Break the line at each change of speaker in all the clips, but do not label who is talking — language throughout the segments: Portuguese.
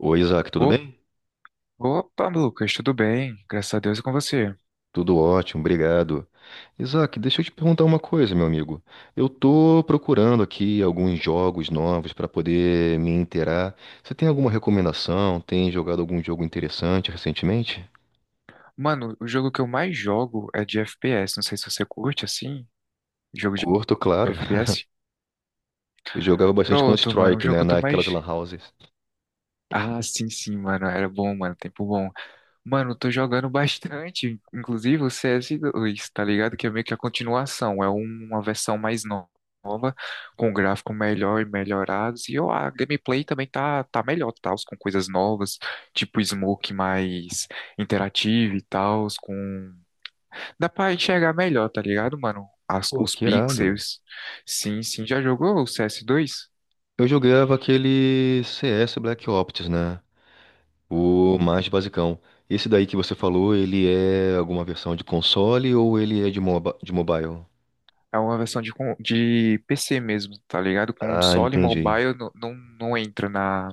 Oi, Isaac, tudo
Op-
bem?
Opa, Lucas, tudo bem? Graças a Deus e com você.
Tudo ótimo, obrigado. Isaac, deixa eu te perguntar uma coisa, meu amigo. Eu tô procurando aqui alguns jogos novos para poder me inteirar. Você tem alguma recomendação? Tem jogado algum jogo interessante recentemente?
Mano, o jogo que eu mais jogo é de FPS. Não sei se você curte assim, jogo de
Curto, claro.
FPS.
Eu jogava bastante
Pronto, mano, o
Counter-Strike,
jogo que
né,
eu tô
naquelas
mais.
lan houses.
Ah, sim, mano, era bom, mano, tempo bom. Mano, eu tô jogando bastante, inclusive o C s 2, tá ligado? Que é meio que a continuação, é um, uma versão mais nova, com gráfico melhor e melhorados, e ó, a gameplay também tá melhor, tal, com coisas novas, tipo smoke mais interativo e tal, com... Dá pra enxergar melhor, tá ligado, mano?
Pô,
Os
que irado.
pixels, sim, sim, já jogou o C s 2?
Eu jogava aquele CS Black Ops, né? O mais basicão. Esse daí que você falou, ele é alguma versão de console ou ele é de mobile?
É uma versão de PC mesmo, tá ligado?
Ah,
Console e
entendi.
mobile não, não entra na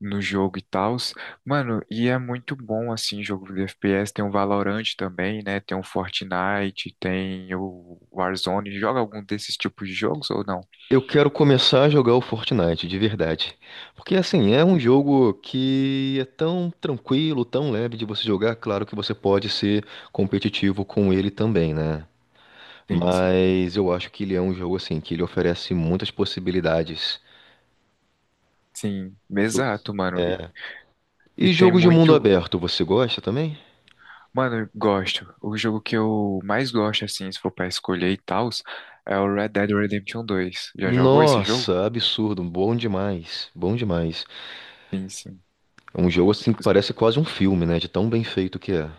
no jogo e tals. Mano, e é muito bom assim, jogo de FPS. Tem o Valorant também, né? Tem o Fortnite, tem o Warzone. Joga algum desses tipos de jogos ou não?
Eu quero começar a jogar o Fortnite, de verdade. Porque, assim, é um jogo que é tão tranquilo, tão leve de você jogar. Claro que você pode ser competitivo com ele também, né?
Sim, sim.
Mas eu acho que ele é um jogo, assim, que ele oferece muitas possibilidades.
Sim,
Eu-
exato, mano.
É.
E
E
tem
jogo de mundo
muito.
aberto, você gosta também?
Mano, eu gosto. O jogo que eu mais gosto, assim, se for pra escolher e tals, é o Red Dead Redemption dois. Já jogou esse jogo?
Nossa, absurdo, bom demais, bom demais.
Sim, sim.
É um jogo, assim, que parece quase um filme, né? De tão bem feito que é.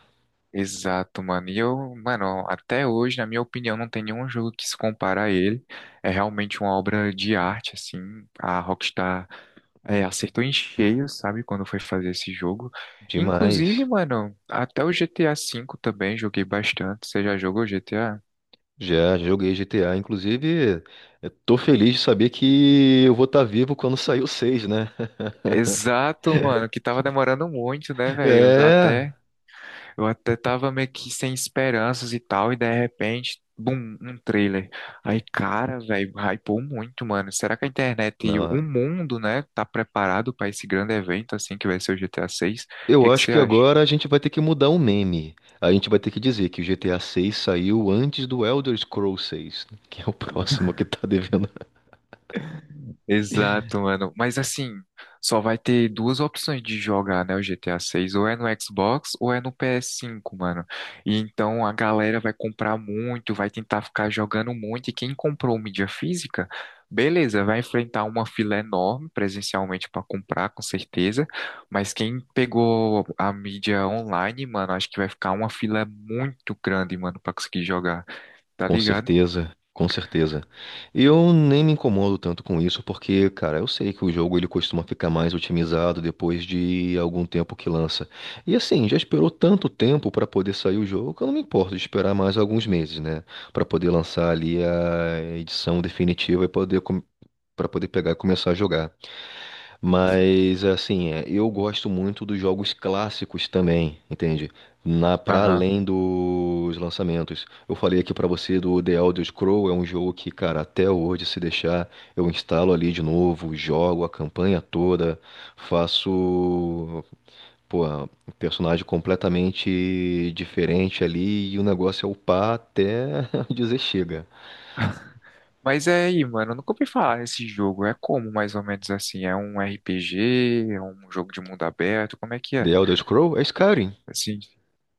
Exato, mano. E eu, mano, até hoje, na minha opinião, não tem nenhum jogo que se compara a ele. É realmente uma obra de arte, assim. A Rockstar é, acertou em cheio, sabe, quando foi fazer esse jogo.
Demais.
Inclusive, mano, até o GTA V também joguei bastante. Você já jogou GTA?
Já, já joguei GTA. Inclusive, eu tô feliz de saber que eu vou estar vivo quando sair o 6, né?
Exato, mano, que tava demorando muito, né, velho?
É.
Eu até tava meio que sem esperanças e tal, e de repente, bum, um trailer. Aí, cara, velho, hypou muito, mano. Será que a internet e o
Não,
mundo, né, tá preparado pra esse grande evento, assim, que vai ser o GTA VI? O
eu
que que
acho
você
que
acha?
agora a gente vai ter que mudar o meme. A gente vai ter que dizer que o GTA 6 saiu antes do Elder Scrolls 6, que é o próximo que tá devendo.
Exato, mano. Mas assim, só vai ter duas opções de jogar, né, o GTA 6, ou é no Xbox ou é no PS5, mano. E então a galera vai comprar muito, vai tentar ficar jogando muito, e quem comprou mídia física, beleza, vai enfrentar uma fila enorme presencialmente pra comprar, com certeza. Mas quem pegou a mídia online, mano, acho que vai ficar uma fila muito grande, mano, pra conseguir jogar. Tá
Com
ligado?
certeza, com certeza. Eu nem me incomodo tanto com isso, porque, cara, eu sei que o jogo ele costuma ficar mais otimizado depois de algum tempo que lança. E assim, já esperou tanto tempo para poder sair o jogo, que eu não me importo de esperar mais alguns meses, né, para poder lançar ali a edição definitiva e poder para poder pegar e começar a jogar.
Sim, sim.
Mas assim, é, eu gosto muito dos jogos clássicos também, entende? Na para
Aham.
além dos lançamentos. Eu falei aqui pra você do The Elder Scrolls, é um jogo que, cara, até hoje se deixar, eu instalo ali de novo, jogo a campanha toda, faço, pô, um personagem completamente diferente ali e o negócio é upar até dizer chega.
Mas é aí, mano, eu nunca ouvi falar desse jogo. É como, mais ou menos assim? É um RPG, é um jogo de mundo aberto, como é que é?
The Elder Scrolls é Skyrim.
Assim,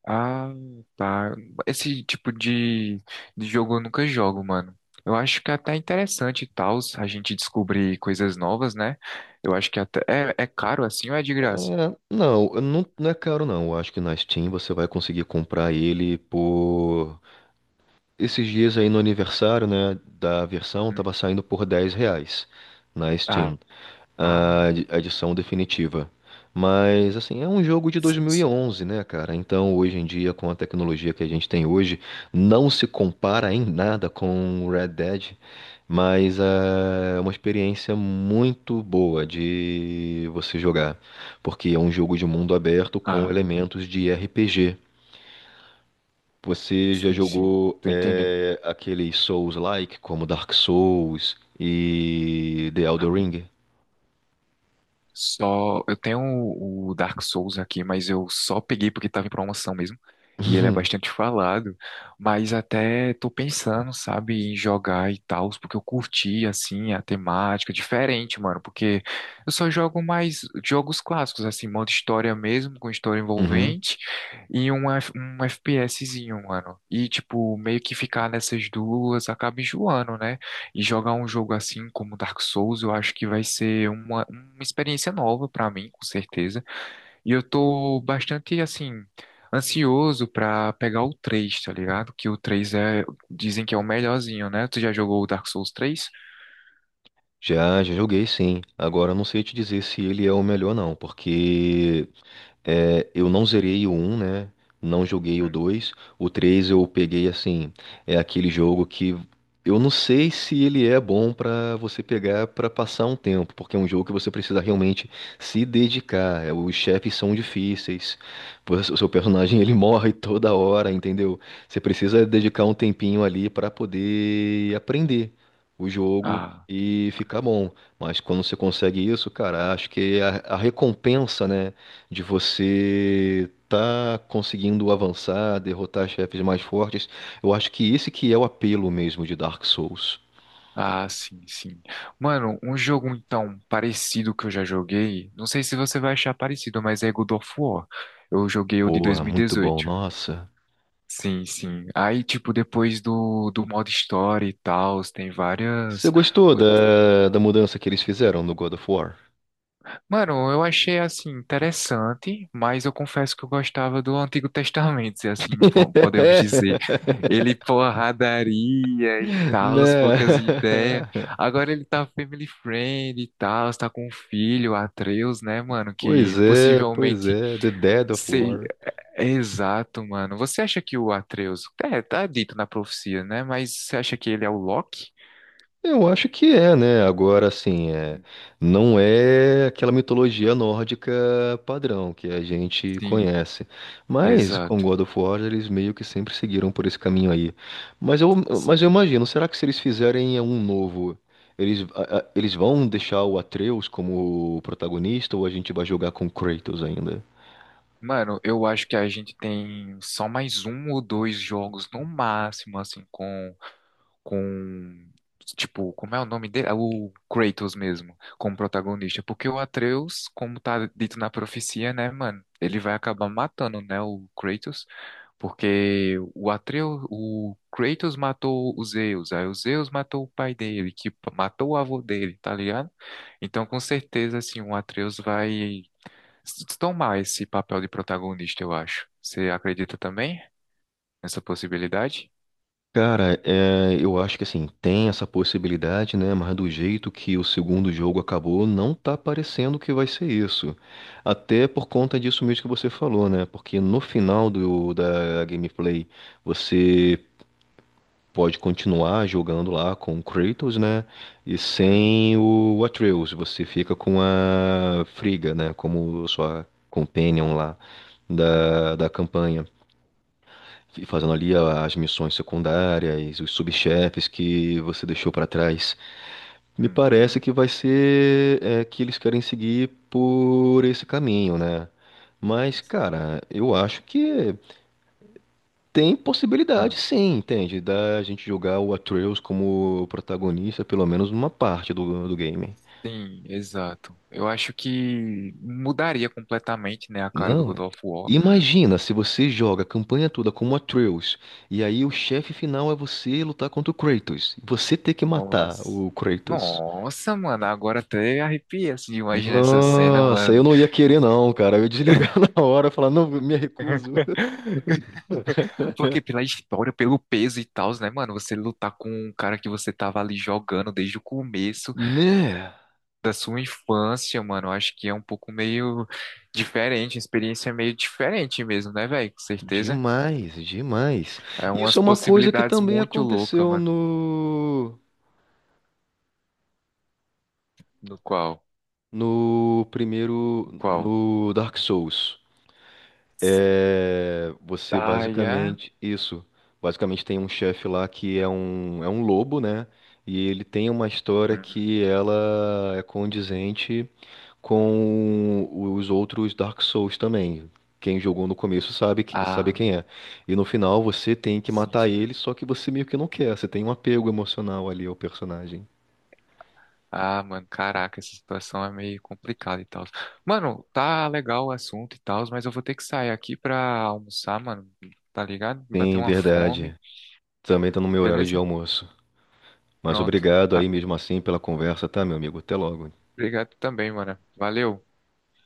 ah, tá. Esse tipo de jogo eu nunca jogo, mano. Eu acho que é até interessante e tal, a gente descobrir coisas novas, né? Eu acho que até é caro assim ou é de
É,
graça?
não é caro não. Eu acho que na Steam você vai conseguir comprar ele por. Esses dias aí no aniversário, né, da versão, tava
Hum.
saindo por R$ 10 na
Ah,
Steam,
ah,
a edição definitiva. Mas, assim, é um jogo de dois
sim,
mil e
sim.
onze, né, cara? Então, hoje em dia, com a tecnologia que a gente tem hoje, não se compara em nada com Red Dead. Mas é uma experiência muito boa de você jogar, porque é um jogo de mundo aberto com
Ah,
elementos de RPG. Você já
sim.
jogou
Tô entendendo.
é, aqueles Souls-like, como Dark Souls e The Elden Ring?
Só eu tenho o Dark Souls aqui, mas eu só peguei porque estava em promoção mesmo. E ele é
Uhum.
bastante falado, mas até tô pensando, sabe, em jogar e tal, porque eu curti assim a temática diferente, mano, porque eu só jogo mais jogos clássicos, assim, modo história mesmo, com história
Uhum.
envolvente e um, FPSzinho, mano. E tipo, meio que ficar nessas duas acaba enjoando, né? E jogar um jogo assim como Dark Souls, eu acho que vai ser uma experiência nova pra mim, com certeza. E eu tô bastante assim ansioso pra pegar o 3, tá ligado? Que o 3 é, dizem que é o melhorzinho, né? Tu já jogou o Dark Souls três?
Já, já joguei sim. Agora não sei te dizer se ele é o melhor não, porque é, eu não zerei o um né? Não joguei o dois. O 3 eu peguei assim, é aquele jogo que eu não sei se ele é bom pra você pegar pra passar um tempo, porque é um jogo que você precisa realmente se dedicar. É, os chefes são difíceis, pois o seu personagem ele morre toda hora, entendeu? Você precisa
Sim.
dedicar um tempinho ali pra poder aprender o jogo
Ah,
e ficar bom. Mas quando você consegue isso, cara, acho que é a recompensa, né? De você tá conseguindo avançar, derrotar chefes mais fortes. Eu acho que esse que é o apelo mesmo de Dark Souls.
ah, sim. Mano, um jogo então parecido que eu já joguei, não sei se você vai achar parecido, mas é God of War. Eu joguei o de
Porra, muito bom,
2018.
nossa.
Sim, sim. Aí, tipo, depois do modo história e tal, tem
Você
várias.
gostou da mudança que eles fizeram no God of War?
Mano, eu achei, assim, interessante, mas eu confesso que eu gostava do Antigo Testamento, se assim podemos dizer. Ele, porradaria e tal,
Né?
poucas ideias. Agora ele tá family friend e tal, tá com um filho, Atreus, né, mano, que
Pois
possivelmente.
é, The Dead of War.
Exato, mano. Você acha que o Atreus. É, tá dito na profecia, né? Mas você acha que ele é o Loki?
Eu acho que é, né? Agora, assim, é, não é aquela mitologia nórdica padrão que a gente
Sim,
conhece. Mas com
exato.
God of War eles meio que sempre seguiram por esse caminho aí. Mas eu, mas
Sim.
eu imagino, será que se eles fizerem um novo, eles, eles vão deixar o Atreus como protagonista ou a gente vai jogar com Kratos ainda?
Mano, eu acho que a gente tem só mais um ou dois jogos no máximo, assim, com. com tipo, como é o nome dele? É o Kratos mesmo, como protagonista, porque o Atreus, como tá dito na profecia, né, mano, ele vai acabar matando, né, o Kratos, porque o Atreus, o Kratos matou o Zeus, aí o Zeus matou o pai dele, matou o avô dele, tá ligado? Então, com certeza, assim, o Atreus vai tomar esse papel de protagonista, eu acho. Você acredita também nessa possibilidade?
Cara, é, eu acho que assim, tem essa possibilidade, né? Mas do jeito que o segundo jogo acabou, não tá parecendo que vai ser isso. Até por conta disso mesmo que você falou, né? Porque no final da gameplay, você pode continuar jogando lá com o Kratos, né? E
Hum,
sem o Atreus, você fica com a Friga, né? Como sua companion lá da campanha. E fazendo ali as missões secundárias, os subchefes que você deixou pra trás. Me parece
Uhum,
que vai ser é, que eles querem seguir por esse caminho, né? Mas,
uhum.
cara, eu acho que tem possibilidade,
Ah,
sim, entende? Da gente jogar o Atreus como protagonista, pelo menos numa parte do game.
sim, exato. Eu acho que mudaria completamente, né, a cara do
Não,
God
é-
of War.
imagina se você joga a campanha toda como Atreus, e aí o chefe final é você lutar contra o Kratos, e você ter que matar
Nossa,
o Kratos.
nossa, mano, agora até arrepia assim, de imaginar essa cena,
Nossa,
mano.
eu não ia querer não, cara. Eu ia desligar na hora, falar, não, me recuso.
Porque pela história, pelo peso e tal, né, mano? Você lutar com um cara que você tava ali jogando desde o começo
Né?
da sua infância, mano. Eu acho que é um pouco meio diferente, uma experiência meio diferente mesmo, né, velho? Com certeza.
Demais, demais.
É
Isso
umas
é uma coisa que
possibilidades
também
muito loucas,
aconteceu
mano.
no
No qual?
no primeiro
Qual?
no Dark Souls. É, você
Ah, é?
basicamente, isso, basicamente tem um chefe lá que é é um lobo, né? E ele tem uma história
Uhum.
que ela é condizente com os outros Dark Souls também. Quem jogou no começo sabe, sabe
Ah,
quem é. E no final você tem que
sim,
matar
sim.
ele, só que você meio que não quer, você tem um apego emocional ali ao personagem.
Ah, mano, caraca, essa situação é meio complicada e tal. Mano, tá legal o assunto e tal, mas eu vou ter que sair aqui pra almoçar, mano. Tá ligado?
Sim,
Bateu uma
verdade.
fome.
Também tá no meu horário de
Beleza?
almoço. Mas
Pronto.
obrigado
Ah,
aí mesmo assim pela conversa, tá, meu amigo? Até logo.
obrigado também, mano. Valeu.